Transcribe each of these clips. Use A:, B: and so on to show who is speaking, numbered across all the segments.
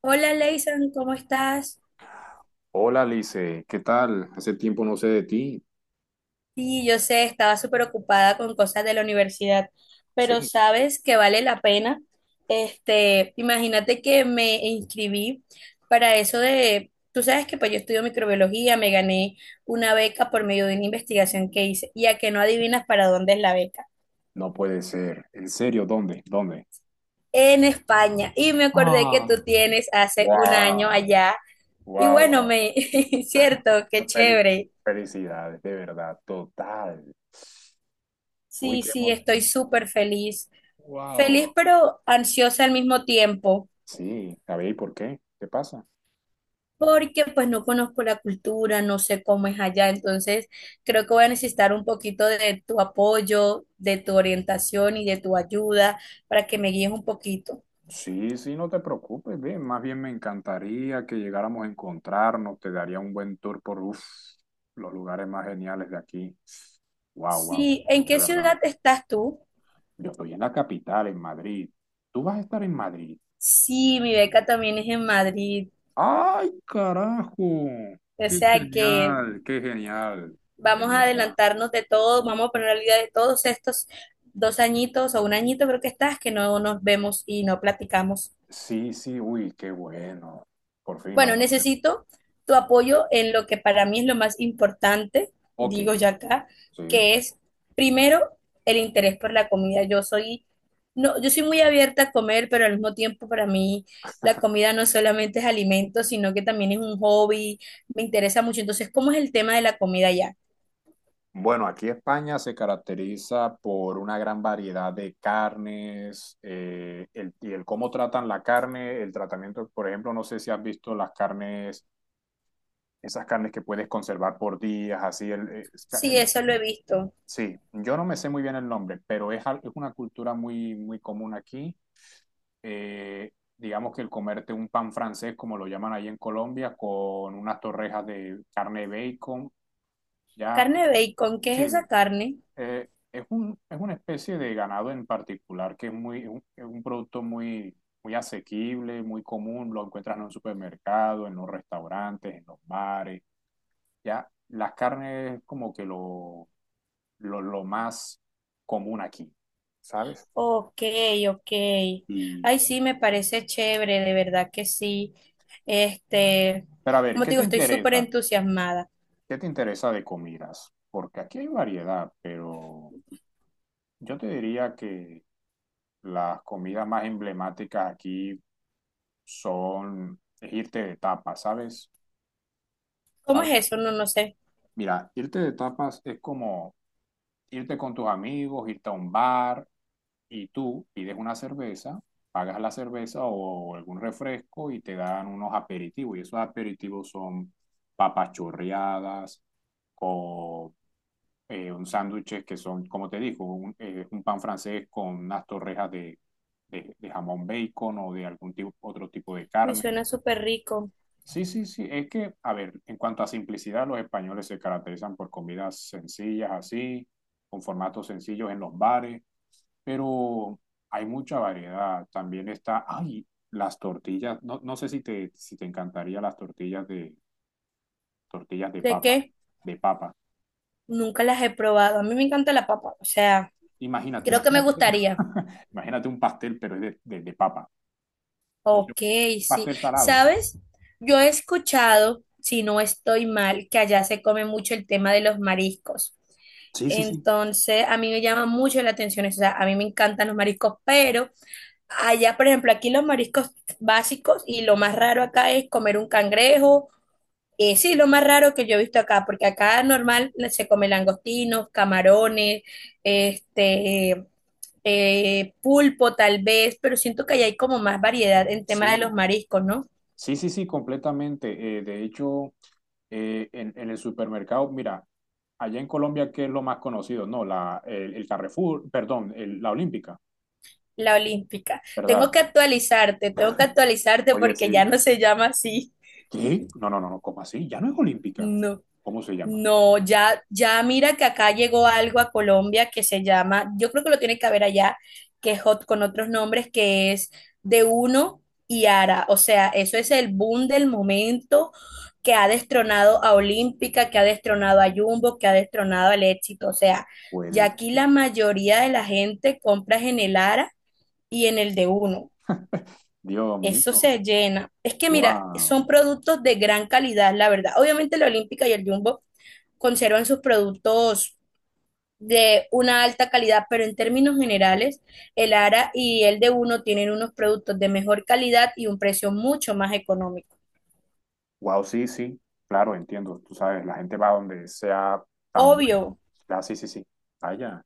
A: Hola, Leyson, ¿cómo estás?
B: Hola, Lice, ¿qué tal? Hace tiempo no sé de ti.
A: Sí, yo sé, estaba súper ocupada con cosas de la universidad, pero
B: Sí.
A: sabes que vale la pena. Imagínate que me inscribí para eso de, tú sabes que pues yo estudio microbiología, me gané una beca por medio de una investigación que hice, y a que no adivinas para dónde es la beca.
B: No puede ser. ¿En serio? ¿Dónde? ¿Dónde?
A: En España, y me acordé que
B: Ah,
A: tú tienes hace un año
B: wow,
A: allá, y
B: wow,
A: bueno,
B: wow.
A: me, cierto, qué
B: Felic-
A: chévere.
B: Felicidades, de verdad, total. Uy,
A: Sí,
B: qué
A: sí, estoy
B: emoción.
A: súper feliz. Feliz
B: Wow.
A: pero ansiosa al mismo tiempo,
B: Sí, a ver, ¿y por qué? ¿Qué pasa?
A: porque pues no conozco la cultura, no sé cómo es allá, entonces creo que voy a necesitar un poquito de tu apoyo, de tu orientación y de tu ayuda para que me guíes un poquito.
B: Sí, sí, no te preocupes, bien. Más bien me encantaría que llegáramos a encontrarnos. Te daría un buen tour por uf, los lugares más geniales de aquí. Wow, wow,
A: Sí, ¿en
B: de
A: qué
B: verdad.
A: ciudad estás tú?
B: Yo estoy en la capital, en Madrid. Tú vas a estar en Madrid.
A: Sí, mi beca también es en Madrid,
B: ¡Ay, carajo!
A: o
B: ¡Qué
A: sea que
B: genial! ¡Qué genial! De
A: vamos a
B: verdad.
A: adelantarnos de todo, vamos a poner al día de todos estos dos añitos o un añito creo que estás, que no nos vemos y no platicamos.
B: Sí, sí, uy, qué bueno. Por fin
A: Bueno,
B: vamos a tener.
A: necesito tu apoyo en lo que para mí es lo más importante,
B: Ok,
A: digo ya acá,
B: sí.
A: que es primero el interés por la comida. Yo soy, no, yo soy muy abierta a comer, pero al mismo tiempo para mí la comida no solamente es alimento, sino que también es un hobby, me interesa mucho. Entonces, ¿cómo es el tema de la comida ya?
B: Bueno, aquí España se caracteriza por una gran variedad de carnes y el cómo tratan la carne, el tratamiento, por ejemplo, no sé si has visto las carnes, esas carnes que puedes conservar por días, así.
A: Sí, eso lo he visto.
B: Sí, yo no me sé muy bien el nombre, pero es una cultura muy, muy común aquí. Eh, digamos que el comerte un pan francés, como lo llaman ahí en Colombia, con unas torrejas de carne de bacon, ya,
A: Carne bacon, ¿qué es
B: sí,
A: esa carne?
B: es una especie de ganado en particular que es un producto muy, muy asequible, muy común, lo encuentras en un supermercado, en los restaurantes, en los bares, ya. Las carnes es como que lo más común aquí. ¿Sabes?
A: Ok, ok.
B: Y,
A: Ay, sí, me
B: sí.
A: parece chévere, de verdad que sí. Este,
B: Pero a ver,
A: Como
B: ¿qué
A: te
B: te
A: digo, estoy súper
B: interesa?
A: entusiasmada.
B: ¿Qué te interesa de comidas? Porque aquí hay variedad, pero yo te diría que las comidas más emblemáticas aquí son es irte de tapas, ¿sabes?
A: ¿Cómo es
B: ¿Sabes?
A: eso? No, no sé.
B: Mira, irte de tapas es como irte con tus amigos, irte a un bar y tú pides una cerveza, pagas la cerveza o algún refresco y te dan unos aperitivos. Y esos aperitivos son papas chorreadas con un sándwiches que son, como te digo, un pan francés con unas torrejas de jamón bacon o de algún tipo, otro tipo de
A: Uy,
B: carne.
A: suena súper rico.
B: Sí, sí, sí, es que, a ver, en cuanto a simplicidad, los españoles se caracterizan por comidas sencillas así, con formatos sencillos en los bares, pero hay mucha variedad. También está, ay, las tortillas, no, no sé si te, si te encantaría las tortillas tortillas de
A: ¿De
B: papa,
A: qué?
B: de papa.
A: Nunca las he probado. A mí me encanta la papa, o sea,
B: Imagínate,
A: creo que me
B: imagínate,
A: gustaría.
B: imagínate un pastel, pero es de papa. O sea,
A: Ok,
B: un
A: sí.
B: pastel salado.
A: ¿Sabes? Yo he escuchado, si no estoy mal, que allá se come mucho el tema de los mariscos.
B: Sí, sí, sí.
A: Entonces, a mí me llama mucho la atención eso. O sea, a mí me encantan los mariscos, pero... Allá, por ejemplo, aquí los mariscos básicos y lo más raro acá es comer un cangrejo. Sí, lo más raro que yo he visto acá, porque acá normal se come langostinos, camarones, este, pulpo tal vez, pero siento que allá hay como más variedad en tema de los
B: Sí,
A: mariscos, ¿no?
B: sí, sí, sí, sí, completamente. De hecho, en el supermercado, mira, allá en Colombia, ¿qué es lo más conocido? No, el Carrefour, perdón, la Olímpica,
A: La olímpica.
B: ¿verdad?
A: Tengo que actualizarte
B: Oye,
A: porque ya
B: sí.
A: no se llama así.
B: ¿Qué? No, no, no, no, ¿cómo así? Ya no es Olímpica.
A: No.
B: ¿Cómo se llama?
A: No, ya, ya mira que acá llegó algo a Colombia que se llama, yo creo que lo tiene que haber allá, que es hot con otros nombres, que es de uno y Ara. O sea, eso es el boom del momento que ha destronado a Olímpica, que ha destronado a Jumbo, que ha destronado al Éxito. O sea, ya
B: Puede
A: aquí la
B: ser.
A: mayoría de la gente compras en el Ara y en el de uno.
B: Dios
A: Eso
B: mío,
A: se llena. Es que mira, son
B: wow.
A: productos de gran calidad, la verdad. Obviamente la Olímpica y el Jumbo conservan sus productos de una alta calidad, pero en términos generales, el ARA y el de uno tienen unos productos de mejor calidad y un precio mucho más económico.
B: Wow, sí, sí, claro, entiendo. Tú sabes, la gente va donde sea tan
A: Obvio,
B: buena. Sí, sí, sí. Vaya.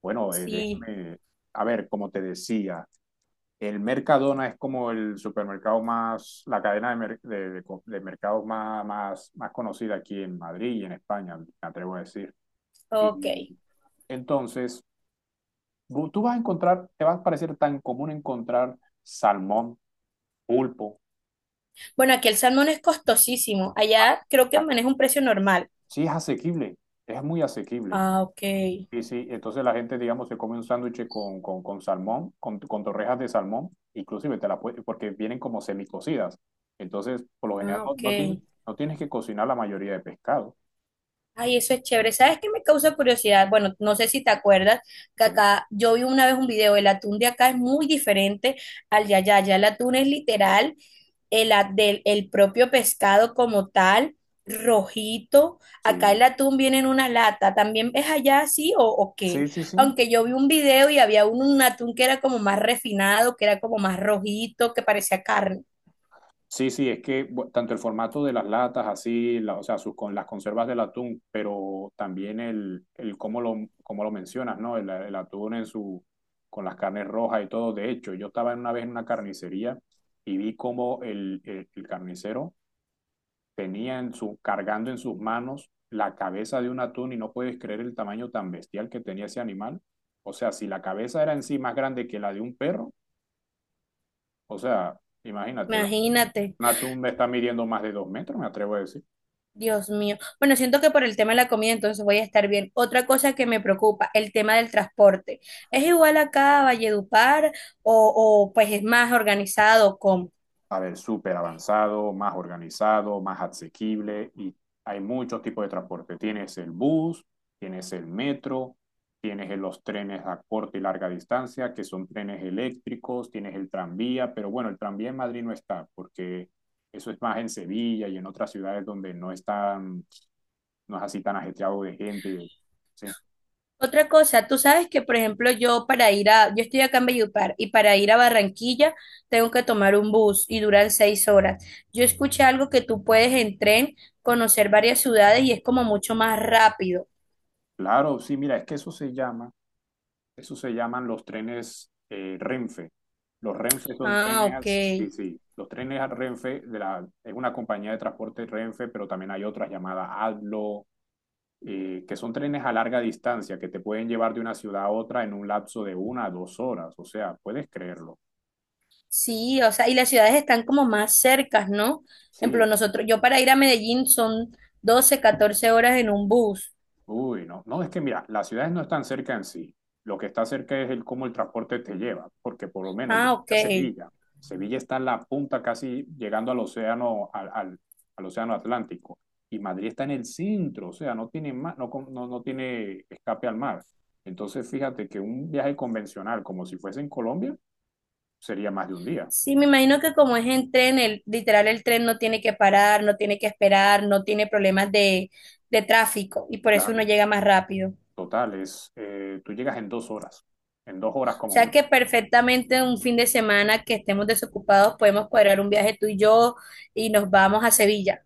B: Bueno,
A: sí,
B: déjame. A ver, como te decía, el Mercadona es como el supermercado más, la cadena de, mer- de co- de mercados más conocida aquí en Madrid y en España, me atrevo a decir.
A: ok.
B: Y entonces, tú vas a encontrar, te va a parecer tan común encontrar salmón, pulpo.
A: Bueno, aquí el salmón es costosísimo.
B: a-
A: Allá creo que
B: a-
A: maneja un precio normal.
B: Sí, es asequible, es muy asequible.
A: Ah, ok.
B: Sí, sí, entonces la gente, digamos, se come un sándwich con salmón, con torrejas de salmón, inclusive te la puede- porque vienen como semicocidas. Entonces, por lo general,
A: Ah, ok.
B: no tienes que cocinar la mayoría de pescado.
A: Ay, eso es chévere. ¿Sabes qué me causa curiosidad? Bueno, no sé si te acuerdas que
B: Sí,
A: acá yo vi una vez un video, el atún de acá es muy diferente al de allá. Allá el atún es literal el, del, el propio pescado como tal, rojito. Acá el
B: sí,
A: atún viene en una lata. ¿También es allá así o qué?
B: sí, sí, sí.
A: Aunque yo vi un video y había un atún que era como más refinado, que era como más rojito, que parecía carne.
B: Sí, sí, es que tanto el formato de las latas, o sea, con las conservas del atún, pero también el cómo cómo lo mencionas, ¿no? El atún en con las carnes rojas y todo. De hecho, yo estaba una vez en una carnicería y vi cómo el carnicero cargando en sus manos la cabeza de un atún y no puedes creer el tamaño tan bestial que tenía ese animal. O sea, si la cabeza era en sí más grande que la de un perro, o sea, imagínate,
A: Imagínate.
B: Natum está midiendo más de 2 metros, me atrevo a decir.
A: Dios mío. Bueno, siento que por el tema de la comida entonces voy a estar bien. Otra cosa que me preocupa, el tema del transporte. ¿Es igual acá a Valledupar o pues es más organizado como?
B: A ver, súper avanzado, más organizado, más asequible y hay muchos tipos de transporte. Tienes el bus, tienes el metro, tienes los trenes a corta y larga distancia, que son trenes eléctricos, tienes el tranvía, pero bueno, el tranvía en Madrid no está, porque eso es más en Sevilla y en otras ciudades donde no está, no es así tan ajetreado de gente. Sí,
A: Otra cosa, tú sabes que por ejemplo yo para ir a, yo estoy acá en Valledupar y para ir a Barranquilla tengo que tomar un bus y duran 6 horas. Yo escuché algo que tú puedes en tren conocer varias ciudades y es como mucho más rápido.
B: claro, sí, mira, es que eso se llama. Eso se llaman los trenes Renfe. Los Renfe son
A: Ah, ok.
B: sí, sí, los trenes a Renfe de la, es una compañía de transporte Renfe, pero también hay otras llamadas ADLO, que son trenes a larga distancia que te pueden llevar de una ciudad a otra en un lapso de 1 a 2 horas. O sea, puedes creerlo.
A: Sí, o sea, y las ciudades están como más cercas, ¿no? Por ejemplo,
B: Sí,
A: nosotros, yo para ir a Medellín son 12 14 horas en un bus.
B: uy, no, no, es que mira, las ciudades no están cerca en sí. Lo que está cerca es el cómo el transporte te lleva, porque por lo menos yo
A: Ah,
B: fui
A: ok.
B: a Sevilla. Sevilla está en la punta casi llegando al océano, al océano Atlántico. Y Madrid está en el centro, o sea, no tiene ma- no, con- no, no tiene escape al mar. Entonces, fíjate que un viaje convencional, como si fuese en Colombia, sería más de un día.
A: Sí, me imagino que como es en tren, el, literal el tren no tiene que parar, no tiene que esperar, no tiene problemas de tráfico y por eso uno
B: Claro.
A: llega más rápido. O
B: Total, tú llegas en 2 horas, en dos horas como
A: sea
B: mucho.
A: que perfectamente un fin de semana que estemos desocupados podemos cuadrar un viaje tú y yo y nos vamos a Sevilla.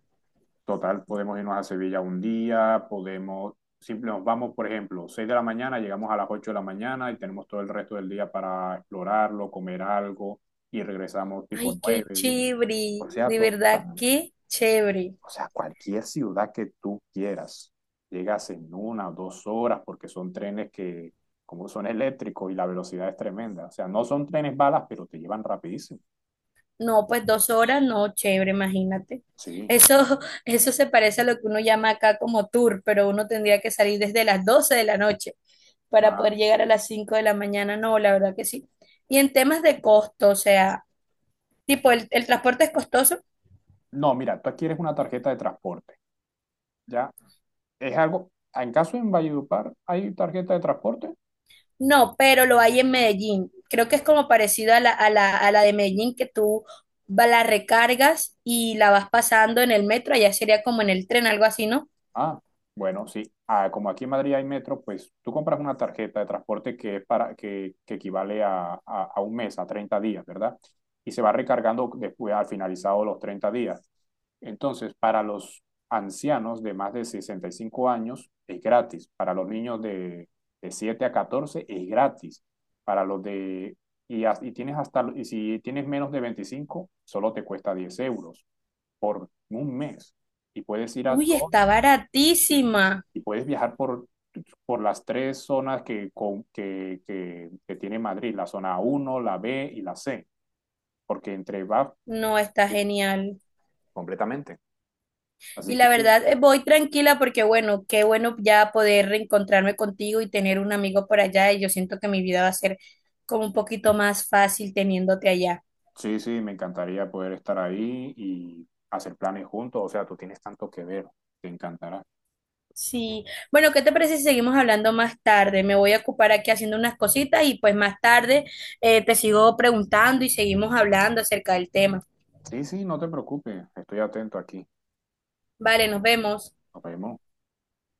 B: Total, podemos irnos a Sevilla un día, podemos, simple, nos vamos, por ejemplo, 6 de la mañana, llegamos a las 8 de la mañana y tenemos todo el resto del día para explorarlo, comer algo y regresamos tipo
A: Ay,
B: 9,
A: qué
B: ¿sí?
A: chévere,
B: O sea,
A: de verdad,
B: total,
A: qué chévere.
B: o sea, cualquier ciudad que tú quieras, llegas en 1 o 2 horas porque son trenes que, como son eléctricos y la velocidad es tremenda. O sea, no son trenes balas, pero te llevan rapidísimo.
A: No, pues 2 horas, no, chévere, imagínate.
B: Sí.
A: Eso, eso se parece a lo que uno llama acá como tour, pero uno tendría que salir desde las 12 de la noche para
B: Ah,
A: poder llegar a las 5 de la mañana. No, la verdad que sí. Y en temas de costo, o sea, tipo, el transporte es costoso?
B: no, mira, tú adquieres una tarjeta de transporte. ¿Ya? Es algo, en caso en Valledupar, ¿hay tarjeta de transporte?
A: No, pero lo hay en Medellín. Creo que es como parecido a la, a la, a la de Medellín, que tú la recargas y la vas pasando en el metro, allá sería como en el tren, algo así, ¿no?
B: Ah, bueno, sí. Ah, como aquí en Madrid hay metro, pues tú compras una tarjeta de transporte que es para, que equivale a un mes, a 30 días, ¿verdad? Y se va recargando después, al finalizado los 30 días. Entonces, para los ancianos de más de 65 años es gratis. Para los niños de 7 a 14 es gratis. Para los de... Y y tienes hasta, y si tienes menos de 25 solo te cuesta 10 euros por un mes y puedes ir a
A: Uy,
B: todo
A: está baratísima.
B: y puedes viajar por las tres zonas que, con- que tiene Madrid, la zona 1 la B y la C, porque entre va...
A: No, está
B: Sí,
A: genial.
B: completamente.
A: Y
B: Así que
A: la verdad, voy tranquila porque, bueno, qué bueno ya poder reencontrarme contigo y tener un amigo por allá. Y yo siento que mi vida va a ser como un poquito más fácil teniéndote allá.
B: sí, sí, me encantaría poder estar ahí y hacer planes juntos. O sea, tú tienes tanto que ver, te encantará.
A: Sí. Bueno, ¿qué te parece si seguimos hablando más tarde? Me voy a ocupar aquí haciendo unas cositas y pues más tarde te sigo preguntando y seguimos hablando acerca del tema.
B: Sí, sí, no te preocupes, estoy atento aquí.
A: Vale, nos vemos.
B: Nos vemos.